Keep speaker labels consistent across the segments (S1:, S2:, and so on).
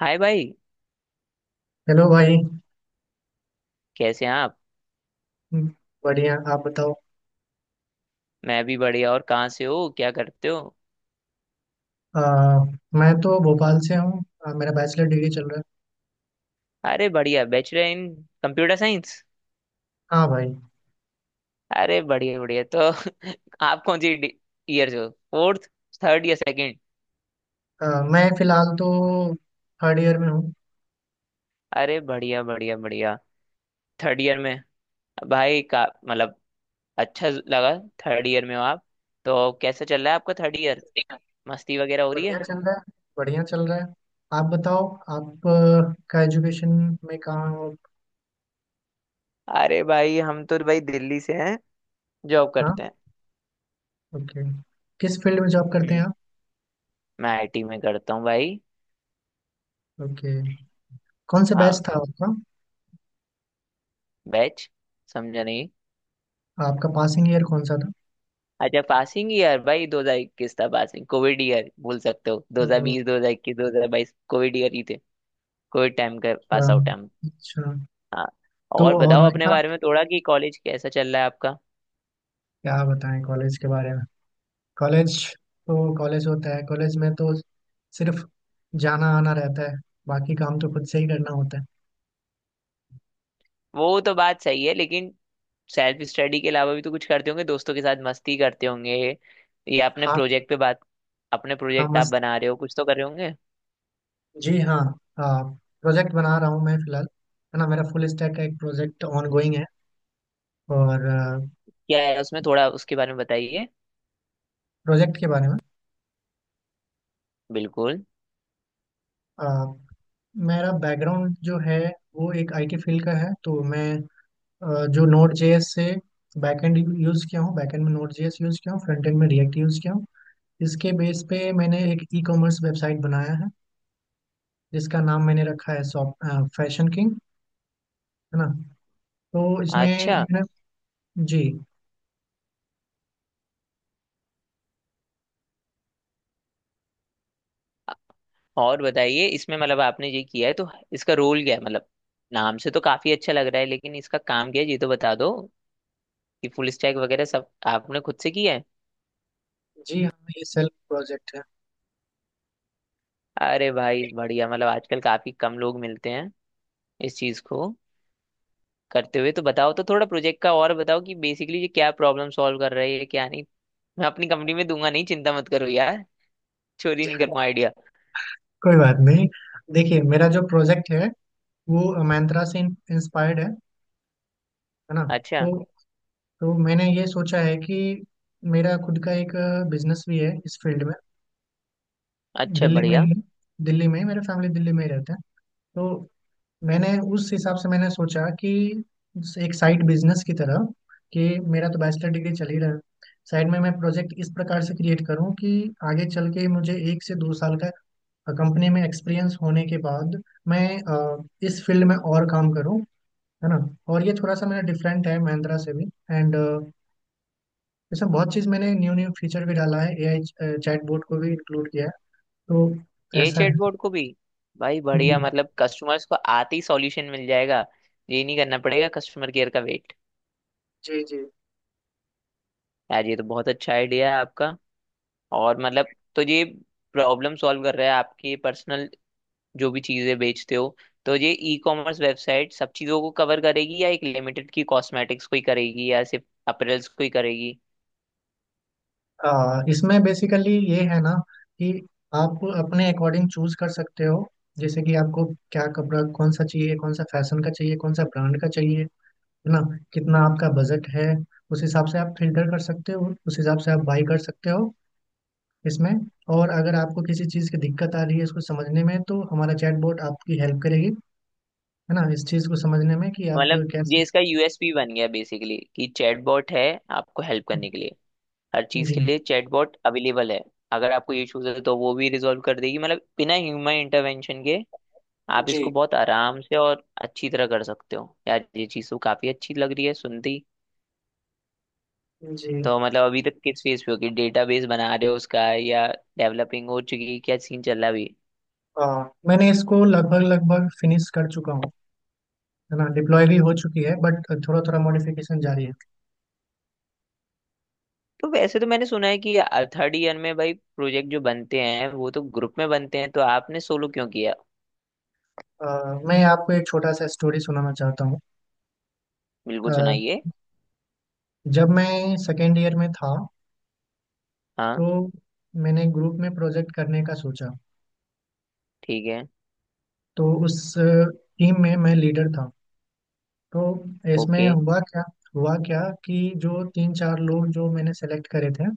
S1: हाय भाई।
S2: हेलो भाई।
S1: कैसे हैं आप?
S2: हम्म, बढ़िया आप बताओ।
S1: मैं भी बढ़िया। और कहाँ से हो, क्या करते हो?
S2: आ, मैं तो भोपाल से हूँ। मेरा बैचलर डिग्री चल रहा है।
S1: अरे बढ़िया, बैचलर इन कंप्यूटर साइंस।
S2: हाँ भाई।
S1: अरे बढ़िया बढ़िया। तो आप कौन सी ईयर से हो, फोर्थ, थर्ड या सेकंड?
S2: मैं फिलहाल तो थर्ड ईयर में हूँ।
S1: अरे बढ़िया बढ़िया बढ़िया, थर्ड ईयर में। भाई का मतलब अच्छा लगा। थर्ड ईयर में हो आप। तो कैसा चल रहा है आपका थर्ड ईयर, मस्ती वगैरह हो रही
S2: बढ़िया
S1: है?
S2: चल रहा है, बढ़िया चल रहा है। आप बताओ। आप का एजुकेशन में कहाँ हो?
S1: अरे भाई, हम तो भाई दिल्ली से हैं, जॉब
S2: हाँ।
S1: करते हैं।
S2: ओके। किस फील्ड में जॉब करते हैं
S1: हम्म,
S2: आप?
S1: मैं आईटी में करता हूँ भाई।
S2: ओके। कौन सा बैच
S1: हाँ,
S2: था आपका?
S1: बैच, समझा नहीं।
S2: आपका पासिंग ईयर कौन सा था?
S1: अच्छा, पासिंग ईयर भाई 2021 था पासिंग। कोविड ईयर बोल सकते हो,
S2: तो,
S1: 2020, 2021, 2022 कोविड ईयर ही थे। कोविड टाइम का पास आउट
S2: अच्छा।
S1: टाइम।
S2: अच्छा।
S1: हाँ।
S2: तो
S1: और
S2: और
S1: बताओ
S2: मैं।
S1: अपने बारे में थोड़ा, कि कॉलेज कैसा चल रहा है आपका?
S2: क्या बताएं कॉलेज के बारे में? कॉलेज तो कॉलेज होता है, कॉलेज में तो सिर्फ जाना आना रहता है, बाकी काम तो खुद से ही करना होता है।
S1: वो तो बात सही है, लेकिन सेल्फ स्टडी के अलावा भी तो कुछ करते होंगे, दोस्तों के साथ मस्ती करते होंगे या अपने
S2: हाँ।
S1: प्रोजेक्ट पे बात। अपने
S2: हाँ,
S1: प्रोजेक्ट आप
S2: मस्त।
S1: बना रहे हो, कुछ तो कर रहे होंगे।
S2: जी हाँ। हाँ। प्रोजेक्ट बना रहा हूँ मैं फिलहाल। है ना, मेरा फुल स्टैक का एक प्रोजेक्ट गोइंग है। और।
S1: क्या है उसमें, थोड़ा उसके बारे में बताइए।
S2: प्रोजेक्ट के बारे में?
S1: बिल्कुल।
S2: अ, मेरा बैकग्राउंड जो है वो एक आईटी फील्ड का है। तो मैं जो नोड जेएस से बैकएंड यूज़ किया हूँ, बैकएंड में नोड जेएस यूज़ किया हूँ, फ्रंट एंड में रिएक्ट यूज़ किया हूँ। इसके बेस पे मैंने एक ई कॉमर्स वेबसाइट बनाया है जिसका नाम मैंने रखा है शॉप फैशन किंग। है ना। तो इसमें है
S1: अच्छा।
S2: ना- जी।
S1: और बताइए, इसमें मतलब आपने ये किया है तो इसका रोल क्या है मतलब? नाम से तो काफी अच्छा लग रहा है, लेकिन इसका काम क्या है ये तो बता दो, कि फुल स्टैक वगैरह सब आपने खुद से किया है?
S2: जी हाँ, ये सेल्फ प्रोजेक्ट है।
S1: अरे भाई बढ़िया, मतलब आजकल काफी कम लोग मिलते हैं इस चीज को करते हुए। तो बताओ तो थोड़ा प्रोजेक्ट का, और बताओ कि बेसिकली ये क्या प्रॉब्लम सॉल्व कर रही है क्या नहीं। मैं अपनी कंपनी में दूंगा नहीं, चिंता मत करो यार, चोरी
S2: जी।
S1: नहीं करूंगा आइडिया।
S2: कोई बात नहीं। देखिए, मेरा जो प्रोजेक्ट है वो मैंत्रा से इंस्पायर्ड है ना।
S1: अच्छा।
S2: तो तो मैंने ये सोचा है कि मेरा खुद का एक बिजनेस भी है इस फील्ड में।
S1: अच्छा
S2: दिल्ली में
S1: बढ़िया।
S2: ही दिल्ली में ही मेरे फैमिली दिल्ली में ही रहते हैं। तो मैंने उस हिसाब से मैंने सोचा कि एक साइड बिजनेस की तरह, कि मेरा तो बैचलर डिग्री चल ही रहा है, साइड में मैं प्रोजेक्ट इस प्रकार से क्रिएट करूं कि आगे चल के मुझे 1 से 2 साल का कंपनी में एक्सपीरियंस होने के बाद मैं इस फील्ड में और काम करूं, है ना। और ये थोड़ा सा मेरा डिफरेंट है महिंद्रा से भी। एंड। इसमें बहुत चीज़ मैंने न्यू न्यू फीचर भी डाला है, एआई चैटबॉट को भी इंक्लूड किया है। तो
S1: ये
S2: ऐसा है।
S1: चैटबॉट को भी! भाई
S2: जी।
S1: बढ़िया, मतलब कस्टमर्स को आते ही सॉल्यूशन मिल जाएगा, ये नहीं करना पड़ेगा कस्टमर केयर का वेट।
S2: जी। जी।
S1: यार ये तो बहुत अच्छा आइडिया है आपका। और मतलब, तो ये प्रॉब्लम सॉल्व कर रहा है आपके पर्सनल जो भी चीजें बेचते हो। तो ये ई कॉमर्स वेबसाइट सब चीजों को कवर करेगी या एक लिमिटेड की कॉस्मेटिक्स को ही करेगी या सिर्फ अपरेल्स को ही करेगी?
S2: इसमें बेसिकली ये है ना कि आप अपने अकॉर्डिंग चूज कर सकते हो। जैसे कि आपको क्या कपड़ा, कौन सा चाहिए, कौन सा फैशन का चाहिए, कौन सा ब्रांड का चाहिए, है ना। कितना आपका बजट है, उस हिसाब से आप फिल्टर कर सकते हो, उस हिसाब से आप बाई कर सकते हो इसमें। और अगर आपको किसी चीज़ की दिक्कत आ रही है इसको समझने में, तो हमारा चैटबॉट आपकी हेल्प करेगी, है ना, इस चीज़ को समझने में कि आप
S1: मतलब ये
S2: कैसे।
S1: इसका यूएसपी बन गया बेसिकली, कि चैटबॉट है आपको हेल्प करने के लिए। हर चीज
S2: जी।
S1: के लिए चैटबॉट अवेलेबल है। अगर आपको इश्यूज है तो वो भी रिजॉल्व कर देगी, मतलब बिना ह्यूमन इंटरवेंशन के आप
S2: जी।
S1: इसको बहुत आराम से और अच्छी तरह कर सकते हो। यार ये चीज तो काफी अच्छी लग रही है सुनती।
S2: जी।
S1: तो मतलब अभी तक किस फेज पे हो, कि डेटाबेस बना रहे हो उसका या डेवलपिंग हो चुकी है, क्या सीन चल रहा है अभी?
S2: मैंने इसको लगभग लगभग फिनिश कर चुका हूँ, है ना। डिप्लॉय भी हो चुकी है, बट थोड़ा थोड़ा मॉडिफिकेशन जारी है।
S1: तो वैसे तो मैंने सुना है कि थर्ड ईयर में भाई प्रोजेक्ट जो बनते हैं वो तो ग्रुप में बनते हैं, तो आपने सोलो क्यों किया?
S2: अ, मैं आपको एक छोटा सा स्टोरी सुनाना चाहता हूँ। अ,
S1: बिल्कुल सुनाइए।
S2: जब मैं सेकेंड ईयर में था
S1: हाँ।
S2: तो मैंने ग्रुप में प्रोजेक्ट करने का सोचा।
S1: ठीक है।
S2: तो उस टीम में मैं लीडर था। तो इसमें
S1: ओके।
S2: हुआ क्या। हुआ क्या कि जो तीन चार लोग जो मैंने सेलेक्ट करे थे।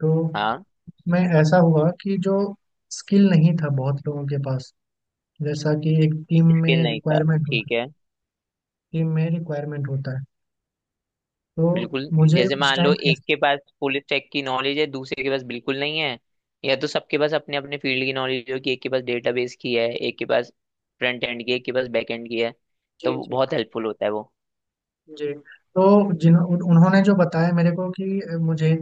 S2: तो
S1: हाँ।
S2: मैं ऐसा हुआ कि जो स्किल नहीं था बहुत लोगों के पास, जैसा कि एक टीम
S1: स्किल
S2: में
S1: नहीं था,
S2: रिक्वायरमेंट होता
S1: ठीक
S2: है।
S1: है।
S2: टीम में रिक्वायरमेंट होता है तो
S1: बिल्कुल,
S2: मुझे
S1: जैसे
S2: उस
S1: मान लो
S2: टाइम।
S1: एक के पास फुल स्टैक की नॉलेज है, दूसरे के पास बिल्कुल नहीं है। या तो सबके पास अपने अपने फील्ड की नॉलेज हो, कि एक के पास डेटाबेस की है, एक के पास फ्रंट एंड की है, एक के पास बैक एंड की है।
S2: जी।
S1: तो वो
S2: जी।
S1: बहुत हेल्पफुल होता है वो।
S2: जी। तो उन्होंने जो बताया मेरे को कि मुझे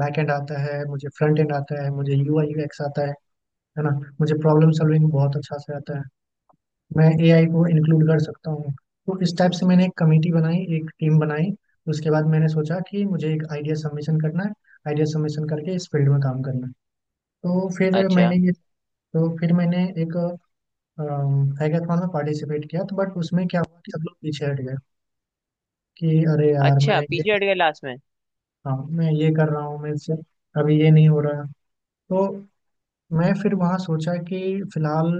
S2: बैक एंड आता है, मुझे फ्रंट एंड आता है, मुझे यूआई यूएक्स आता है ना। मुझे प्रॉब्लम सॉल्विंग बहुत अच्छा से आता है, मैं एआई को इंक्लूड कर सकता हूँ। तो इस टाइप से मैंने एक कमेटी बनाई, एक टीम बनाई। उसके बाद मैंने सोचा कि मुझे एक आइडिया सबमिशन करना है। आइडिया सबमिशन करके इस फील्ड में काम करना है। तो फिर
S1: अच्छा,
S2: मैंने ये। तो फिर मैंने एक हैकाथॉन में पार्टिसिपेट किया, तो बट उसमें क्या हुआ कि सब लोग पीछे हट गए कि अरे यार, मैं
S1: अच्छा
S2: ये।
S1: पीछे हट गया लास्ट में।
S2: हाँ, मैं ये कर रहा हूँ, मैं इससे अभी ये नहीं हो रहा। तो मैं फिर वहाँ सोचा कि फिलहाल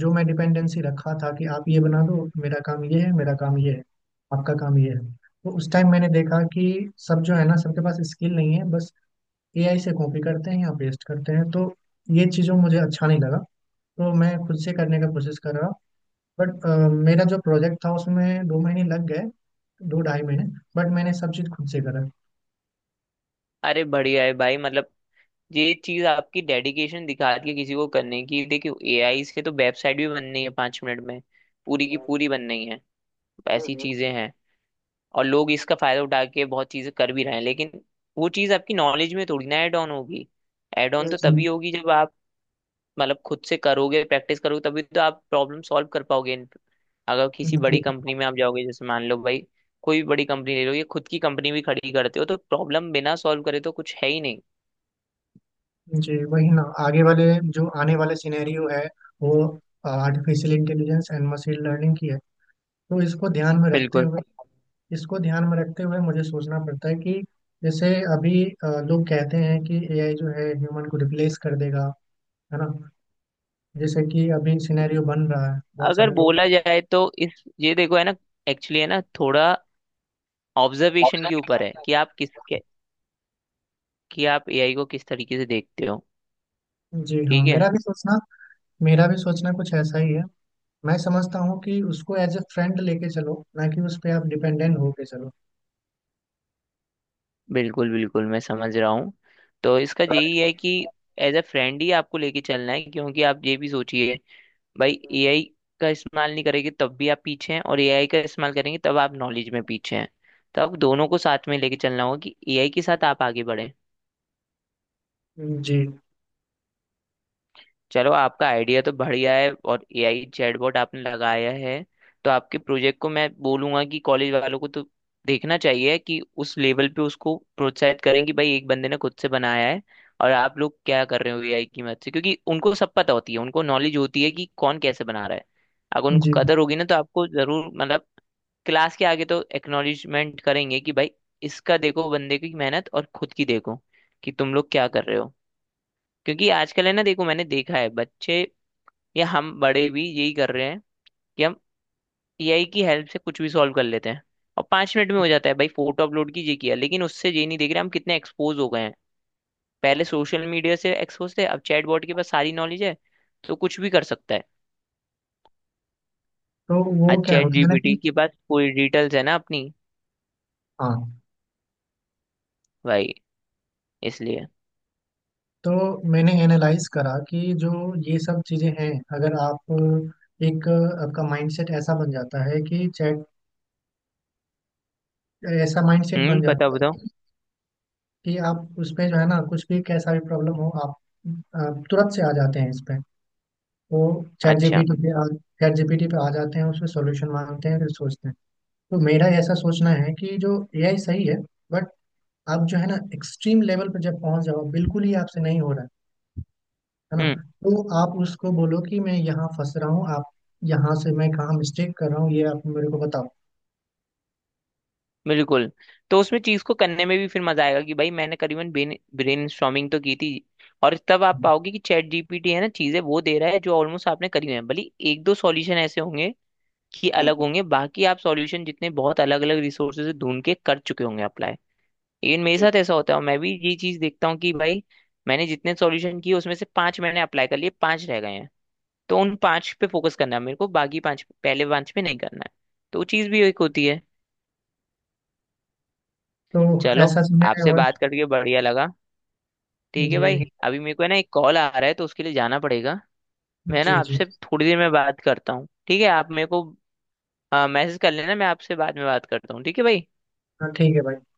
S2: जो मैं डिपेंडेंसी रखा था कि आप ये बना दो, मेरा काम ये है, मेरा काम ये है, आपका काम ये है। तो उस टाइम मैंने देखा कि सब जो है ना, सबके पास स्किल नहीं है, बस एआई से कॉपी करते हैं या पेस्ट करते हैं। तो ये चीज़ों मुझे अच्छा नहीं लगा। तो मैं खुद से करने का कोशिश कर रहा। बट मेरा जो प्रोजेक्ट था उसमें 2 महीने लग गए, दो ढाई महीने। बट मैंने सब चीज़ खुद से करा।
S1: अरे बढ़िया है भाई, मतलब ये चीज आपकी डेडिकेशन दिखाती है किसी को करने की। देखियो, एआई से तो वेबसाइट भी बन रही है 5 मिनट में, पूरी की पूरी बन रही है, ऐसी चीजें हैं। और लोग इसका फायदा उठा के बहुत चीजें कर भी रहे हैं, लेकिन वो चीज आपकी नॉलेज में थोड़ी ना ऐड ऑन होगी। ऐड ऑन तो
S2: जी।
S1: तभी होगी जब आप मतलब खुद से करोगे, प्रैक्टिस करोगे, तभी तो आप प्रॉब्लम सॉल्व कर पाओगे। अगर किसी
S2: जी।
S1: बड़ी कंपनी में आप जाओगे, जैसे मान लो भाई कोई भी बड़ी कंपनी ले लो, या खुद की कंपनी भी खड़ी करते हो, तो प्रॉब्लम बिना सॉल्व करे तो कुछ है ही नहीं।
S2: जी, वही ना आगे वाले जो आने वाले सिनेरियो है वो artificial intelligence and machine learning की है। तो
S1: बिल्कुल।
S2: इसको ध्यान में रखते हुए मुझे सोचना पड़ता है कि जैसे अभी लोग कहते हैं कि एआई जो है ह्यूमन को रिप्लेस कर देगा, है ना। जैसे कि अभी सिनेरियो बन रहा है बहुत
S1: अगर
S2: सारे लोग।
S1: बोला जाए तो इस ये देखो है ना, एक्चुअली है ना, थोड़ा ऑब्जर्वेशन के ऊपर है कि आप कि आप एआई को किस तरीके से देखते हो।
S2: जी हाँ,
S1: ठीक है।
S2: मेरा भी सोचना कुछ ऐसा ही है। मैं समझता हूँ कि उसको एज ए फ्रेंड लेके चलो, ना कि उस पर आप डिपेंडेंट होके चलो।
S1: बिल्कुल बिल्कुल, मैं समझ रहा हूँ। तो इसका यही है कि एज अ फ्रेंड ही आपको लेके चलना है, क्योंकि आप ये भी सोचिए भाई, एआई का इस्तेमाल नहीं करेंगे तब भी आप पीछे हैं, और एआई का इस्तेमाल करेंगे तब आप नॉलेज में पीछे हैं। तो आप दोनों को साथ में लेके चलना होगा कि एआई के साथ आप आगे बढ़े।
S2: जी।
S1: चलो, आपका आइडिया तो बढ़िया है और एआई चैटबॉट आपने लगाया है। तो आपके प्रोजेक्ट को मैं बोलूंगा कि कॉलेज वालों को तो देखना चाहिए, कि उस लेवल पे उसको प्रोत्साहित करें कि भाई एक बंदे ने खुद से बनाया है, और आप लोग क्या कर रहे हो एआई की मदद से। क्योंकि उनको सब पता होती है, उनको नॉलेज होती है कि कौन कैसे बना रहा है। अगर उनको
S2: जी।
S1: कदर होगी ना तो आपको जरूर मतलब क्लास के आगे तो एक्नॉलेजमेंट करेंगे कि भाई इसका देखो बंदे की मेहनत, और खुद की देखो कि तुम लोग क्या कर रहे हो। क्योंकि आजकल है ना, देखो मैंने देखा है बच्चे या हम बड़े भी यही कर रहे हैं कि हम एआई की हेल्प से कुछ भी सॉल्व कर लेते हैं, और 5 मिनट में हो जाता है भाई, फोटो अपलोड कीजिए, किया। लेकिन उससे ये नहीं देख रहे हम कितने एक्सपोज हो गए हैं। पहले सोशल मीडिया से एक्सपोज थे, अब चैटबॉट के पास सारी नॉलेज है, तो कुछ भी कर सकता है।
S2: तो
S1: आज
S2: वो क्या
S1: चैट
S2: होता है ना
S1: जीपीटी
S2: कि।
S1: के पास पूरी डिटेल्स है ना अपनी,
S2: हाँ।
S1: भाई इसलिए।
S2: तो मैंने एनालाइज करा कि जो ये सब चीजें हैं, अगर आप एक आपका माइंडसेट ऐसा बन जाता है कि चैट ऐसा माइंडसेट बन
S1: हम्म, बताओ
S2: जाता
S1: बताओ।
S2: है कि आप उस पे जो है ना कुछ भी कैसा भी प्रॉब्लम हो आप तुरंत से आ जाते हैं इस पे। तो चैट
S1: अच्छा।
S2: जीपीटी पे आ चैट जीपीटी पे आ जाते हैं, उसमें सॉल्यूशन मांगते हैं, फिर सोचते हैं। तो मेरा ऐसा सोचना है कि जो एआई सही है, बट आप जो है ना एक्सट्रीम लेवल पर जब पहुंच जाओ बिल्कुल ही आपसे नहीं हो रहा, है ना।
S1: हम्म।
S2: तो आप उसको बोलो कि मैं यहाँ फंस रहा हूँ, आप यहाँ से मैं कहाँ मिस्टेक कर रहा हूँ ये आप मेरे को बताओ।
S1: बिल्कुल। तो उसमें चीज को करने में भी फिर मजा आएगा कि भाई मैंने करीबन ब्रेन स्टॉर्मिंग तो की थी। और तब आप
S2: हम्म।
S1: पाओगे कि चैट जीपीटी है ना चीजें वो दे रहा है जो ऑलमोस्ट आपने करी हुई है, भले एक दो सॉल्यूशन ऐसे होंगे कि अलग
S2: हम्म।
S1: होंगे, बाकी आप सॉल्यूशन जितने बहुत अलग अलग रिसोर्सेज से ढूंढ के कर चुके होंगे अप्लाई। लेकिन मेरे
S2: ठीक।
S1: साथ ऐसा होता है और मैं भी ये चीज देखता हूँ कि भाई मैंने जितने सॉल्यूशन किए उसमें से 5 मैंने अप्लाई कर लिए, 5 रह गए हैं। तो उन 5 पे फोकस करना है मेरे को, बाकी 5, पहले 5 पे नहीं करना है। तो वो चीज भी एक होती है।
S2: तो
S1: चलो,
S2: ऐसा सिनेरियो
S1: आपसे
S2: है।
S1: बात करके बढ़िया लगा। ठीक है भाई,
S2: जी।
S1: अभी मेरे को ना एक कॉल आ रहा है तो उसके लिए जाना पड़ेगा। मैं ना
S2: जी। जी।
S1: आपसे थोड़ी देर में बात करता हूँ, ठीक है? आप मेरे को मैसेज कर लेना, मैं आपसे बाद में बात करता हूँ। ठीक है भाई।
S2: हाँ, ठीक है भाई।